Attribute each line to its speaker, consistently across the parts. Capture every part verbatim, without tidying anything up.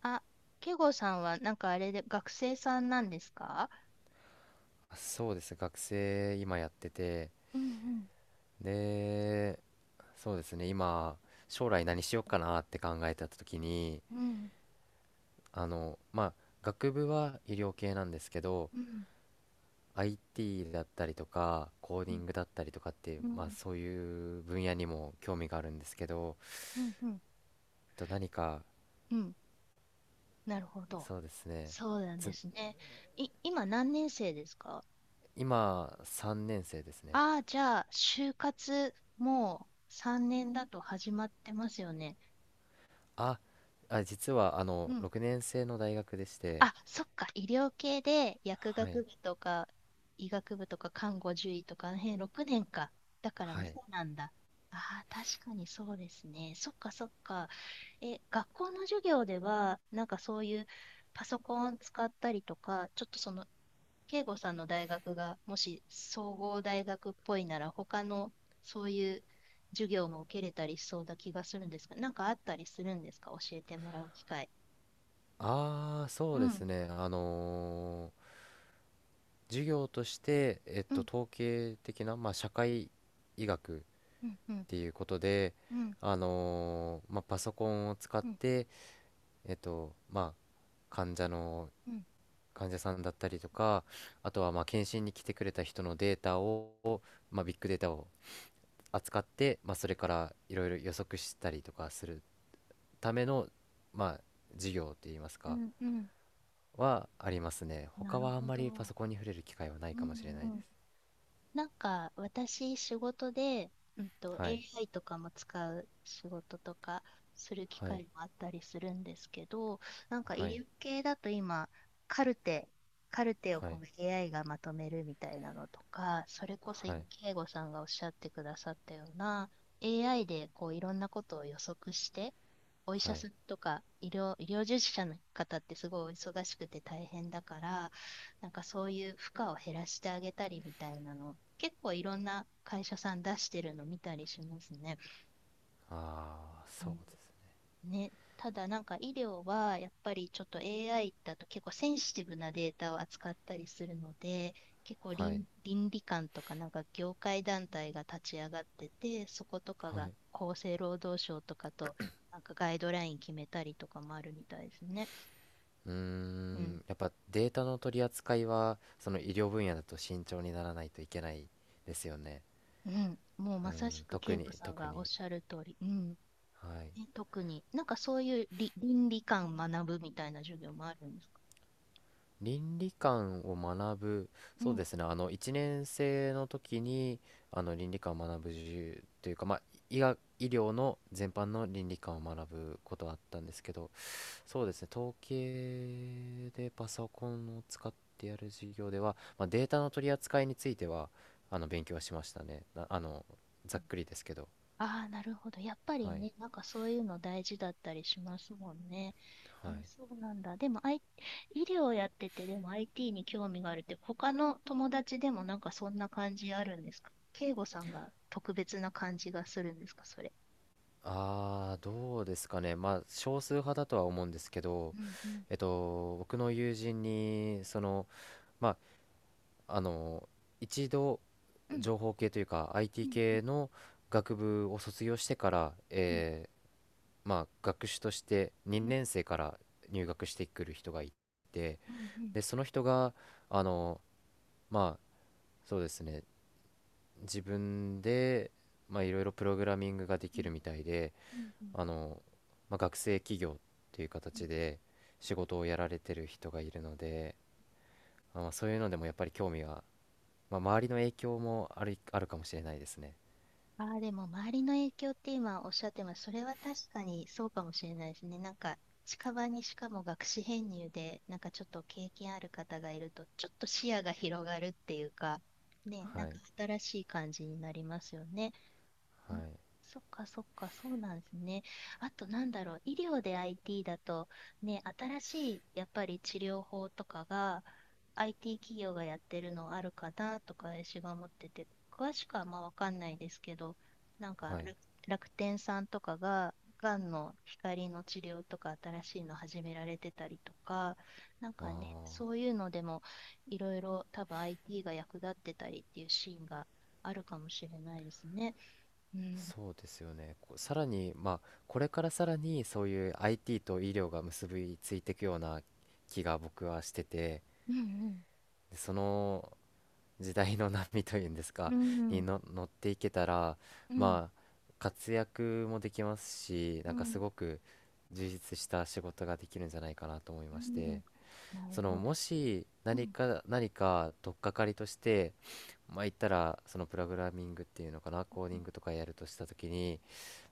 Speaker 1: あ、ケイゴさんはなんかあれで学生さんなんですか？
Speaker 2: そうですね、学生今やってて。
Speaker 1: うん。
Speaker 2: で、そうですね、今、将来何しようかなって考えた時に、
Speaker 1: うん。うん。
Speaker 2: あのまあ学部は医療系なんですけど、
Speaker 1: うん。
Speaker 2: アイティー だったりとかコーデ
Speaker 1: う
Speaker 2: ィ
Speaker 1: ん。
Speaker 2: ングだったりとかっていう、
Speaker 1: う
Speaker 2: まあ
Speaker 1: ん。
Speaker 2: そういう分野にも興味があるんですけど
Speaker 1: うん。うん。
Speaker 2: と何か。
Speaker 1: うん。なるほど。
Speaker 2: そうですね。
Speaker 1: そうなんで
Speaker 2: つ
Speaker 1: すね。い、今何年生ですか？
Speaker 2: 今さんねん生ですね。
Speaker 1: ああー、じゃあ、就活もうさんねんだと始まってますよね。
Speaker 2: ああ、実はあ
Speaker 1: う
Speaker 2: の
Speaker 1: ん。
Speaker 2: ろくねん生の大学でして。
Speaker 1: あ、そっか、医療系で薬
Speaker 2: はい
Speaker 1: 学部とか医学部とか看護獣医とかあの辺ろくねんか。だから
Speaker 2: は
Speaker 1: まだ
Speaker 2: い。
Speaker 1: なんだ。ああ、確かにそうですね。そっかそっか。え、学校の授業では、なんかそういうパソコン使ったりとか、ちょっとその、慶吾さんの大学がもし総合大学っぽいなら、他のそういう授業も受けれたりしそうな気がするんですが、なんかあったりするんですか教えてもらう機会。
Speaker 2: ああ、そ
Speaker 1: う
Speaker 2: うです
Speaker 1: ん、
Speaker 2: ね。あのー授業として、えっ
Speaker 1: う
Speaker 2: と、
Speaker 1: ん、
Speaker 2: 統計的な、まあ、社会医学っ
Speaker 1: うん、うん。
Speaker 2: ていうことで、
Speaker 1: うん。
Speaker 2: あのーまあ、パソコンを使っ
Speaker 1: うん。
Speaker 2: て、えっと、まあ、患者の、
Speaker 1: うん。
Speaker 2: 患者さんだったりとか、あとは、まあ、検診に来てくれた人のデータを、まあ、ビッグデータを扱って、まあ、それからいろいろ予測したりとかするための、まあ、授業って言います
Speaker 1: う
Speaker 2: か、
Speaker 1: ん。うん。
Speaker 2: はありますね。
Speaker 1: な
Speaker 2: 他
Speaker 1: る
Speaker 2: はあん
Speaker 1: ほ
Speaker 2: まりパ
Speaker 1: ど。
Speaker 2: ソコンに触れる機会はない
Speaker 1: う
Speaker 2: かもしれない
Speaker 1: ん。
Speaker 2: で
Speaker 1: うん。
Speaker 2: す。
Speaker 1: なんか、私、仕事で、うんと、
Speaker 2: はい、
Speaker 1: エーアイ とかも使う仕事とかする機
Speaker 2: はい、
Speaker 1: 会もあったりするんですけど、なんか
Speaker 2: は
Speaker 1: 医
Speaker 2: い、
Speaker 1: 療系だと今、カルテ、カルテを
Speaker 2: は
Speaker 1: こ
Speaker 2: い、
Speaker 1: う エーアイ がまとめるみたいなのとか、それこそ
Speaker 2: は
Speaker 1: 今、
Speaker 2: い、
Speaker 1: 慶吾さんがおっしゃってくださったような、エーアイ でこういろんなことを予測して、お医
Speaker 2: は
Speaker 1: 者
Speaker 2: い。
Speaker 1: さんとか医療、医療従事者の方ってすごいお忙しくて大変だから、なんかそういう負荷を減らしてあげたりみたいなの結構いろんな会社さん出してるの見たりしますね。
Speaker 2: ああ、
Speaker 1: う
Speaker 2: そう
Speaker 1: ん。
Speaker 2: です。
Speaker 1: ね。ただなんか医療はやっぱりちょっと エーアイ だと結構センシティブなデータを扱ったりするので、結構
Speaker 2: はい、
Speaker 1: 倫、倫理観とかなんか業界団体が立ち上がってて、そことか
Speaker 2: は
Speaker 1: が
Speaker 2: い。
Speaker 1: 厚生労働省とかとなんかガイドライン決めたりとかもあるみたいですね。
Speaker 2: うー
Speaker 1: うん。
Speaker 2: ん、やっぱデータの取り扱いは、その医療分野だと慎重にならないといけないですよね。
Speaker 1: うん。もう
Speaker 2: う
Speaker 1: まさし
Speaker 2: ん、
Speaker 1: く
Speaker 2: 特
Speaker 1: 慶吾
Speaker 2: に、
Speaker 1: さん
Speaker 2: 特
Speaker 1: がおっ
Speaker 2: に。
Speaker 1: しゃる通り。うん。
Speaker 2: はい。
Speaker 1: ね、特に、なんかそういうり倫理観学ぶみたいな授業もあるんですか？
Speaker 2: 倫理観を学ぶ。
Speaker 1: う
Speaker 2: そう
Speaker 1: ん。
Speaker 2: ですね、あのいちねん生の時にあの倫理観を学ぶ授業というか、まあ、医学、医療の全般の倫理観を学ぶことはあったんですけど、そうですね、統計でパソコンを使ってやる授業では、まあ、データの取り扱いについてはあの勉強はしましたね。なあの
Speaker 1: う
Speaker 2: ざっ
Speaker 1: ん。
Speaker 2: くりですけど。
Speaker 1: ああ、なるほど。やっぱり
Speaker 2: はい。
Speaker 1: ね、なんかそういうの大事だったりしますもんね。え
Speaker 2: は
Speaker 1: ー
Speaker 2: い。
Speaker 1: そうなんだ。でも、I、医療やってて、でも アイティー に興味があるって、他の友達でもなんかそんな感じあるんですか慶吾さんが特別な感じがするんですか、それ。
Speaker 2: ああ、どうですかね。まあ、少数派だとは思うんですけど、
Speaker 1: うん。うん。
Speaker 2: えっと、僕の友人に、その、まあ、あの、一度、
Speaker 1: うん。
Speaker 2: 情報系というか、
Speaker 1: う
Speaker 2: アイティー
Speaker 1: ん。うん。
Speaker 2: 系の学部を卒業してから、
Speaker 1: うん。
Speaker 2: えーまあ、学士として
Speaker 1: うん。
Speaker 2: にねん生から入学してくる人がいて、
Speaker 1: うん。うん。
Speaker 2: で、その人が、あの、まあ、そうですね、自分で、まあ、いろいろプログラミングがで
Speaker 1: う
Speaker 2: き
Speaker 1: ん。
Speaker 2: るみたいで、
Speaker 1: うん。うん。
Speaker 2: あの、まあ、学生企業っていう
Speaker 1: うん。
Speaker 2: 形で仕事をやられてる人がいるので、まあ、まあ、そういうのでもやっぱり興味が、まあ、周りの影響もある、あるかもしれないですね。
Speaker 1: ああ、でも周りの影響って今おっしゃってます。それは確かにそうかもしれないですね。なんか近場にしかも学士編入で、なんかちょっと経験ある方がいると、ちょっと視野が広がるっていうか、ね、
Speaker 2: は
Speaker 1: なん
Speaker 2: い、
Speaker 1: か新しい感じになりますよね。
Speaker 2: はい、
Speaker 1: そっかそっか、そうなんですね。あとなんだろう、医療で アイティー だと、ね、新しいやっぱり治療法とかが アイティー 企業がやってるのあるかなとか私が思ってて、詳しくはまあわかんないですけど、なんか
Speaker 2: はい。
Speaker 1: 楽楽天さんとかが、がんの光の治療とか新しいの始められてたりとか、なん
Speaker 2: ま
Speaker 1: かね、
Speaker 2: あ、
Speaker 1: そういうのでもいろいろ多分 アイティー が役立ってたりっていうシーンがあるかもしれないですね。うん、
Speaker 2: そうですよね。こさらに、まあ、これからさらにそういう アイティー と医療が結びついていくような気が僕はしてて、
Speaker 1: うん。うん。
Speaker 2: でその時代の波というんですか、
Speaker 1: う
Speaker 2: に
Speaker 1: ん。
Speaker 2: の乗っていけたら、ま
Speaker 1: う
Speaker 2: あ、活躍もできますし、なんか
Speaker 1: ん。
Speaker 2: すごく充実した仕事ができるんじゃないかなと思い
Speaker 1: う
Speaker 2: まして。
Speaker 1: ん。なる
Speaker 2: その
Speaker 1: ほど。
Speaker 2: もし
Speaker 1: う
Speaker 2: 何
Speaker 1: ん。
Speaker 2: か何か取っかかりとして、まあ言ったら、そのプログラミングっていうのかな、コーディングとかやるとした時に、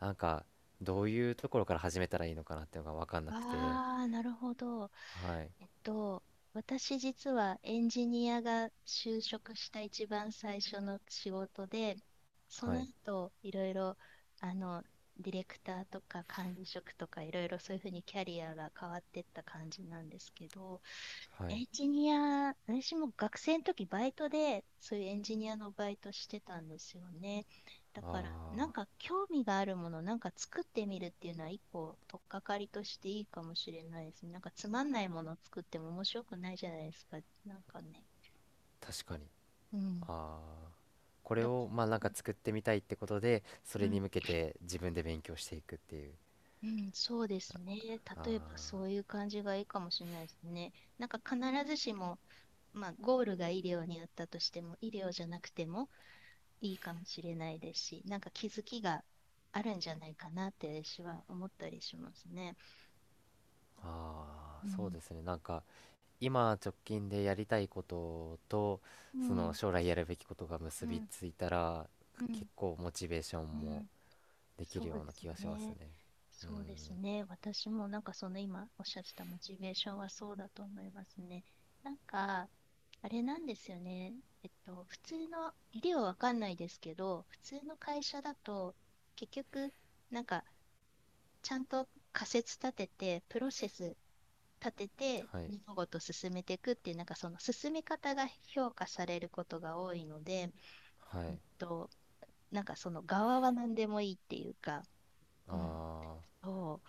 Speaker 2: なんかどういうところから始めたらいいのかなっていうのが分かんなくて。
Speaker 1: ああー、なるほど。
Speaker 2: はい、
Speaker 1: えっと、私実はエンジニアが就職した一番最初の仕事で、そ
Speaker 2: は
Speaker 1: の
Speaker 2: い、
Speaker 1: 後、いろいろ、あの、ディレクターとか管理職とかいろいろそういうふうにキャリアが変わってった感じなんですけど、
Speaker 2: はい。
Speaker 1: エンジニア、私も学生の時バイトで、そういうエンジニアのバイトしてたんですよね。だから、なん
Speaker 2: あ
Speaker 1: か興味があるもの、なんか作ってみるっていうのは一個、取っかかりとしていいかもしれないですね。なんかつまんないものを作っても面白くないじゃないですか。なんかね。
Speaker 2: ー、確かに。
Speaker 1: うん。
Speaker 2: あー、これ
Speaker 1: だか
Speaker 2: を
Speaker 1: ら、
Speaker 2: まあなん
Speaker 1: う
Speaker 2: か作ってみたいってことで、そ
Speaker 1: ん、
Speaker 2: れ
Speaker 1: う
Speaker 2: に
Speaker 1: ん、
Speaker 2: 向けて自分で勉強していくっていう。
Speaker 1: うんそうですね。例えばそ
Speaker 2: あ
Speaker 1: ういう感じがいいかもしれないですね。なんか必ずしも、まあ、ゴールが医療にあったとしても、医療じゃなくても、いいかもしれないですし、なんか気づきがあるんじゃないかなって私は思ったりしますね。
Speaker 2: ー、あ
Speaker 1: う
Speaker 2: ー、そう
Speaker 1: ん、
Speaker 2: ですね、なんか今直近でやりたいことと
Speaker 1: う
Speaker 2: その
Speaker 1: ん、
Speaker 2: 将来やるべきことが
Speaker 1: う
Speaker 2: 結び
Speaker 1: ん、
Speaker 2: ついたら、
Speaker 1: うん、
Speaker 2: 結構モチベーショ
Speaker 1: う
Speaker 2: ンも
Speaker 1: ん、
Speaker 2: でき
Speaker 1: そ
Speaker 2: る
Speaker 1: う
Speaker 2: よう
Speaker 1: で
Speaker 2: な
Speaker 1: す
Speaker 2: 気がします
Speaker 1: ね。
Speaker 2: ね。う
Speaker 1: そうです
Speaker 2: ん。
Speaker 1: ね。私もなんかその今おっしゃってたモチベーションはそうだと思いますね。なんか、あれなんですよね。えっと、普通の、理はわかんないですけど、普通の会社だと、結局、なんか、ちゃんと仮説立てて、プロセス立てて
Speaker 2: はい、
Speaker 1: 物事を進めていくっていうなんかその進め方が評価されることが多いので、
Speaker 2: は
Speaker 1: うん
Speaker 2: い、
Speaker 1: と、なんかその側は何でもいいっていうか、うん。
Speaker 2: あ
Speaker 1: そ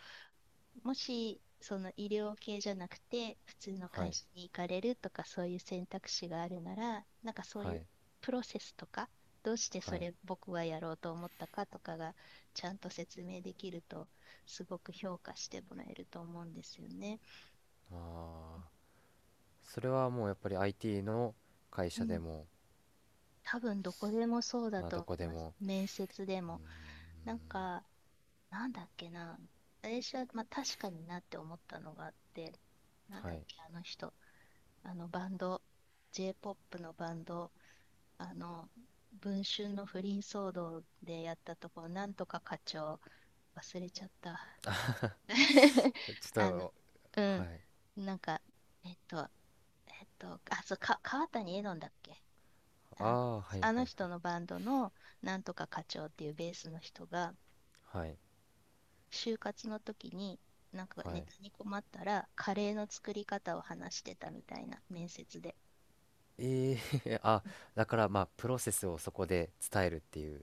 Speaker 1: う、もしその医療系じゃなくて普通の
Speaker 2: あー、は
Speaker 1: 会
Speaker 2: い、
Speaker 1: 社に行かれるとかそういう選択肢があるならなんかそう
Speaker 2: は
Speaker 1: いう
Speaker 2: い、
Speaker 1: プロセスとかどうして
Speaker 2: は
Speaker 1: そ
Speaker 2: い、
Speaker 1: れ僕はやろうと思ったかとかがちゃんと説明できるとすごく評価してもらえると思うんですよね。
Speaker 2: ああー、それはもうやっぱり アイティー の会
Speaker 1: う
Speaker 2: 社で
Speaker 1: ん、
Speaker 2: も。
Speaker 1: 多分どこでもそうだ
Speaker 2: あ、
Speaker 1: と
Speaker 2: ど
Speaker 1: 思
Speaker 2: こ
Speaker 1: い
Speaker 2: で
Speaker 1: ます。
Speaker 2: も。
Speaker 1: 面接で
Speaker 2: う
Speaker 1: も。なん
Speaker 2: ん、
Speaker 1: か、なんだっけな。私は、まあ、確かになって思ったのがあって、なん
Speaker 2: は
Speaker 1: だっ
Speaker 2: い。
Speaker 1: け、あの人。あのバンド、J-ポップ のバンド、あの、文春の不倫騒動でやったところ、なんとか課長、忘れちゃった。
Speaker 2: ちょっ
Speaker 1: あの、
Speaker 2: と、
Speaker 1: う
Speaker 2: は
Speaker 1: ん、
Speaker 2: い。
Speaker 1: なんか、えっと、えっと、あ、そう、か、川谷絵音だっけ。あ
Speaker 2: あ
Speaker 1: の、
Speaker 2: あー、はい、はい、
Speaker 1: あ
Speaker 2: は
Speaker 1: の
Speaker 2: い、
Speaker 1: 人のバンドのなんとか課長っていうベースの人が、
Speaker 2: はい、
Speaker 1: 就活の時に、なんか
Speaker 2: は
Speaker 1: ネ
Speaker 2: い、
Speaker 1: タに困ったら、カレーの作り方を話してたみたいな面接で。
Speaker 2: ええ。 あ、だからまあプロセスをそこで伝えるっていう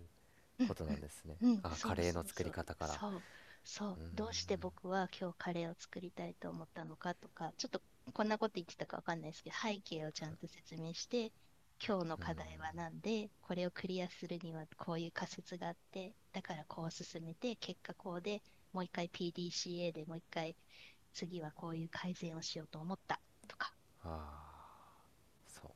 Speaker 1: う
Speaker 2: こ
Speaker 1: ん。
Speaker 2: となんですね。
Speaker 1: うん。うん。
Speaker 2: あ、
Speaker 1: そう
Speaker 2: カレー
Speaker 1: そう
Speaker 2: の作
Speaker 1: そ
Speaker 2: り
Speaker 1: う
Speaker 2: 方から。
Speaker 1: そう。そう、
Speaker 2: うーん、
Speaker 1: どうして僕は今日カレーを作りたいと思ったのかとかちょっとこんなこと言ってたかわかんないですけど背景をちゃんと説明して今日の
Speaker 2: うーん、
Speaker 1: 課題は何でこれをクリアするにはこういう仮説があってだからこう進めて結果こうでもう一回 ピーディーシーエー でもう一回次はこういう改善をしようと思ったとか。
Speaker 2: ああ、そう。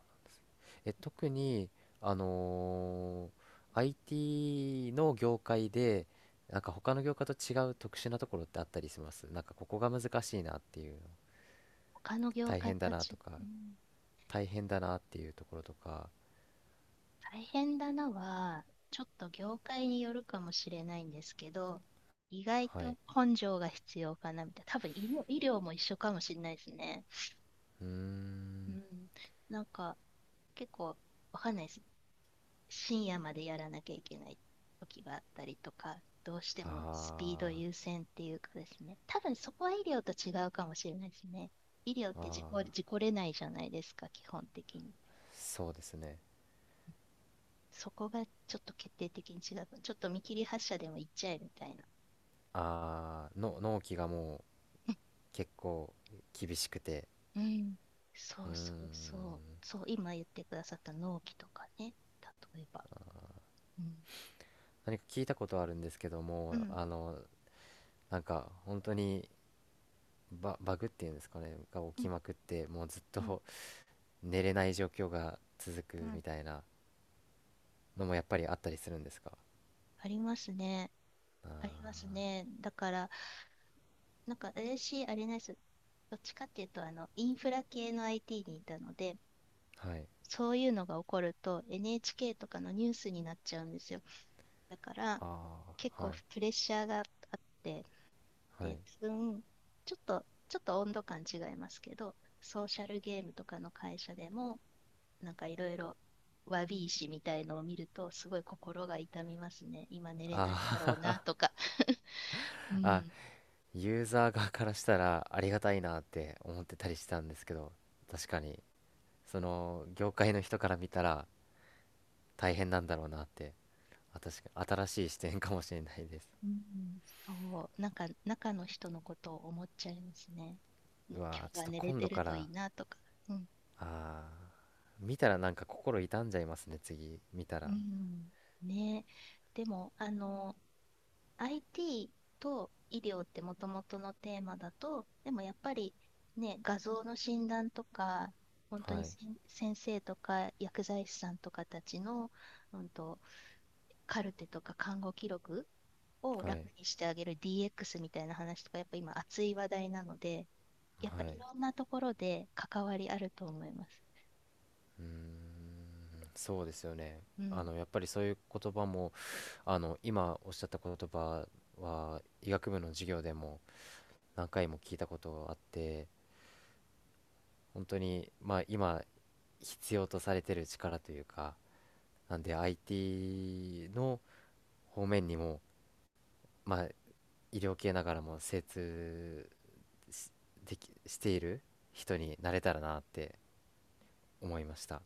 Speaker 2: え、特に、あのー アイティー の業界で、なんか他の業界と違う特殊なところってあったりします、なんかここが難しいなっていう、
Speaker 1: 他の業
Speaker 2: 大
Speaker 1: 界
Speaker 2: 変だ
Speaker 1: と
Speaker 2: な
Speaker 1: 違う。
Speaker 2: とか、
Speaker 1: うん。
Speaker 2: 大変だなっていうところとか。
Speaker 1: 大変だなは、ちょっと業界によるかもしれないんですけど、意外
Speaker 2: は
Speaker 1: と
Speaker 2: い。
Speaker 1: 根性が必要かなみたいな。多分医療、医療も一緒かもしれないですね。
Speaker 2: うー
Speaker 1: う
Speaker 2: ん、
Speaker 1: ん。なんか、結構、わかんないです。深夜までやらなきゃいけない時があったりとか、どうしてもスピー
Speaker 2: あ
Speaker 1: ド優先っていうかですね。多分そこは医療と違うかもしれないですね。医療っ
Speaker 2: あ、あ
Speaker 1: て事
Speaker 2: あ、
Speaker 1: 故、事故れないじゃないですか、基本的に。
Speaker 2: そうですね。
Speaker 1: そこがちょっと決定的に違う。ちょっと見切り発車でも行っちゃえみたいな。
Speaker 2: あーの納期がもう結構厳しくて。
Speaker 1: うん。そ
Speaker 2: うー
Speaker 1: うそ
Speaker 2: ん、
Speaker 1: うそう。そう、今言ってくださった納期とかね。例えば。うん。
Speaker 2: 何か聞いたことあるんですけど
Speaker 1: う
Speaker 2: も、
Speaker 1: ん。
Speaker 2: あのなんか本当にバ、バグっていうんですかねが
Speaker 1: う
Speaker 2: 起き
Speaker 1: ん。
Speaker 2: まくってもうずっ
Speaker 1: うん。
Speaker 2: と、 寝れない状況が続く
Speaker 1: うん。
Speaker 2: みたいなのもやっぱりあったりするんですか。
Speaker 1: ありますね。あります
Speaker 2: あ
Speaker 1: ね。だから、なんか私、あれなんです。どっちかっていうと、あの、インフラ系の アイティー にいたので、
Speaker 2: ー、はい、
Speaker 1: そういうのが起こると エヌエイチケー とかのニュースになっちゃうんですよ。だから
Speaker 2: あ
Speaker 1: 結
Speaker 2: ー、
Speaker 1: 構
Speaker 2: はい、
Speaker 1: プレッシャーがあって、
Speaker 2: はい、
Speaker 1: で、多分ちょっと、ちょっと温度感違いますけど、ソーシャルゲームとかの会社でも、なんかいろいろわび石みたいのを見ると、すごい心が痛みますね。今寝れないんだろうな
Speaker 2: あー。
Speaker 1: とか。う
Speaker 2: あ、
Speaker 1: ん。
Speaker 2: ユーザー側からしたらありがたいなって思ってたりしたんですけど、確かにその業界の人から見たら大変なんだろうなって。あ、確かに新しい視点かもしれないです。
Speaker 1: うん、そう、なんか中の人のことを思っちゃいますね。ん、 今
Speaker 2: うわー、
Speaker 1: 日
Speaker 2: ちょっ
Speaker 1: は
Speaker 2: と
Speaker 1: 寝れ
Speaker 2: 今
Speaker 1: て
Speaker 2: 度
Speaker 1: る
Speaker 2: か
Speaker 1: とい
Speaker 2: ら、
Speaker 1: いなとか。うん。
Speaker 2: あー見たらなんか心痛んじゃいますね、次見た
Speaker 1: う
Speaker 2: ら。
Speaker 1: ん、ねえ。でも、あの アイティー と医療ってもともとのテーマだと、でもやっぱりね、画像の診断とか、本当
Speaker 2: は
Speaker 1: に
Speaker 2: い、
Speaker 1: せん先生とか薬剤師さんとかたちの、うんと、カルテとか看護記録を
Speaker 2: は
Speaker 1: 楽
Speaker 2: い、
Speaker 1: にしてあげる ディーエックス みたいな話とか、やっぱ今熱い話題なので、やっぱ
Speaker 2: は
Speaker 1: い
Speaker 2: い、
Speaker 1: ろんなところで関わりあると思います。
Speaker 2: うーん、そうですよね。
Speaker 1: う
Speaker 2: あ
Speaker 1: ん。
Speaker 2: のやっぱりそういう言葉もあの今おっしゃった言葉は医学部の授業でも何回も聞いたことあって本当にまあ今必要とされてる力というかなんで アイティー の方面にもまあ医療系ながらも精通しできしている人になれたらなって思いました。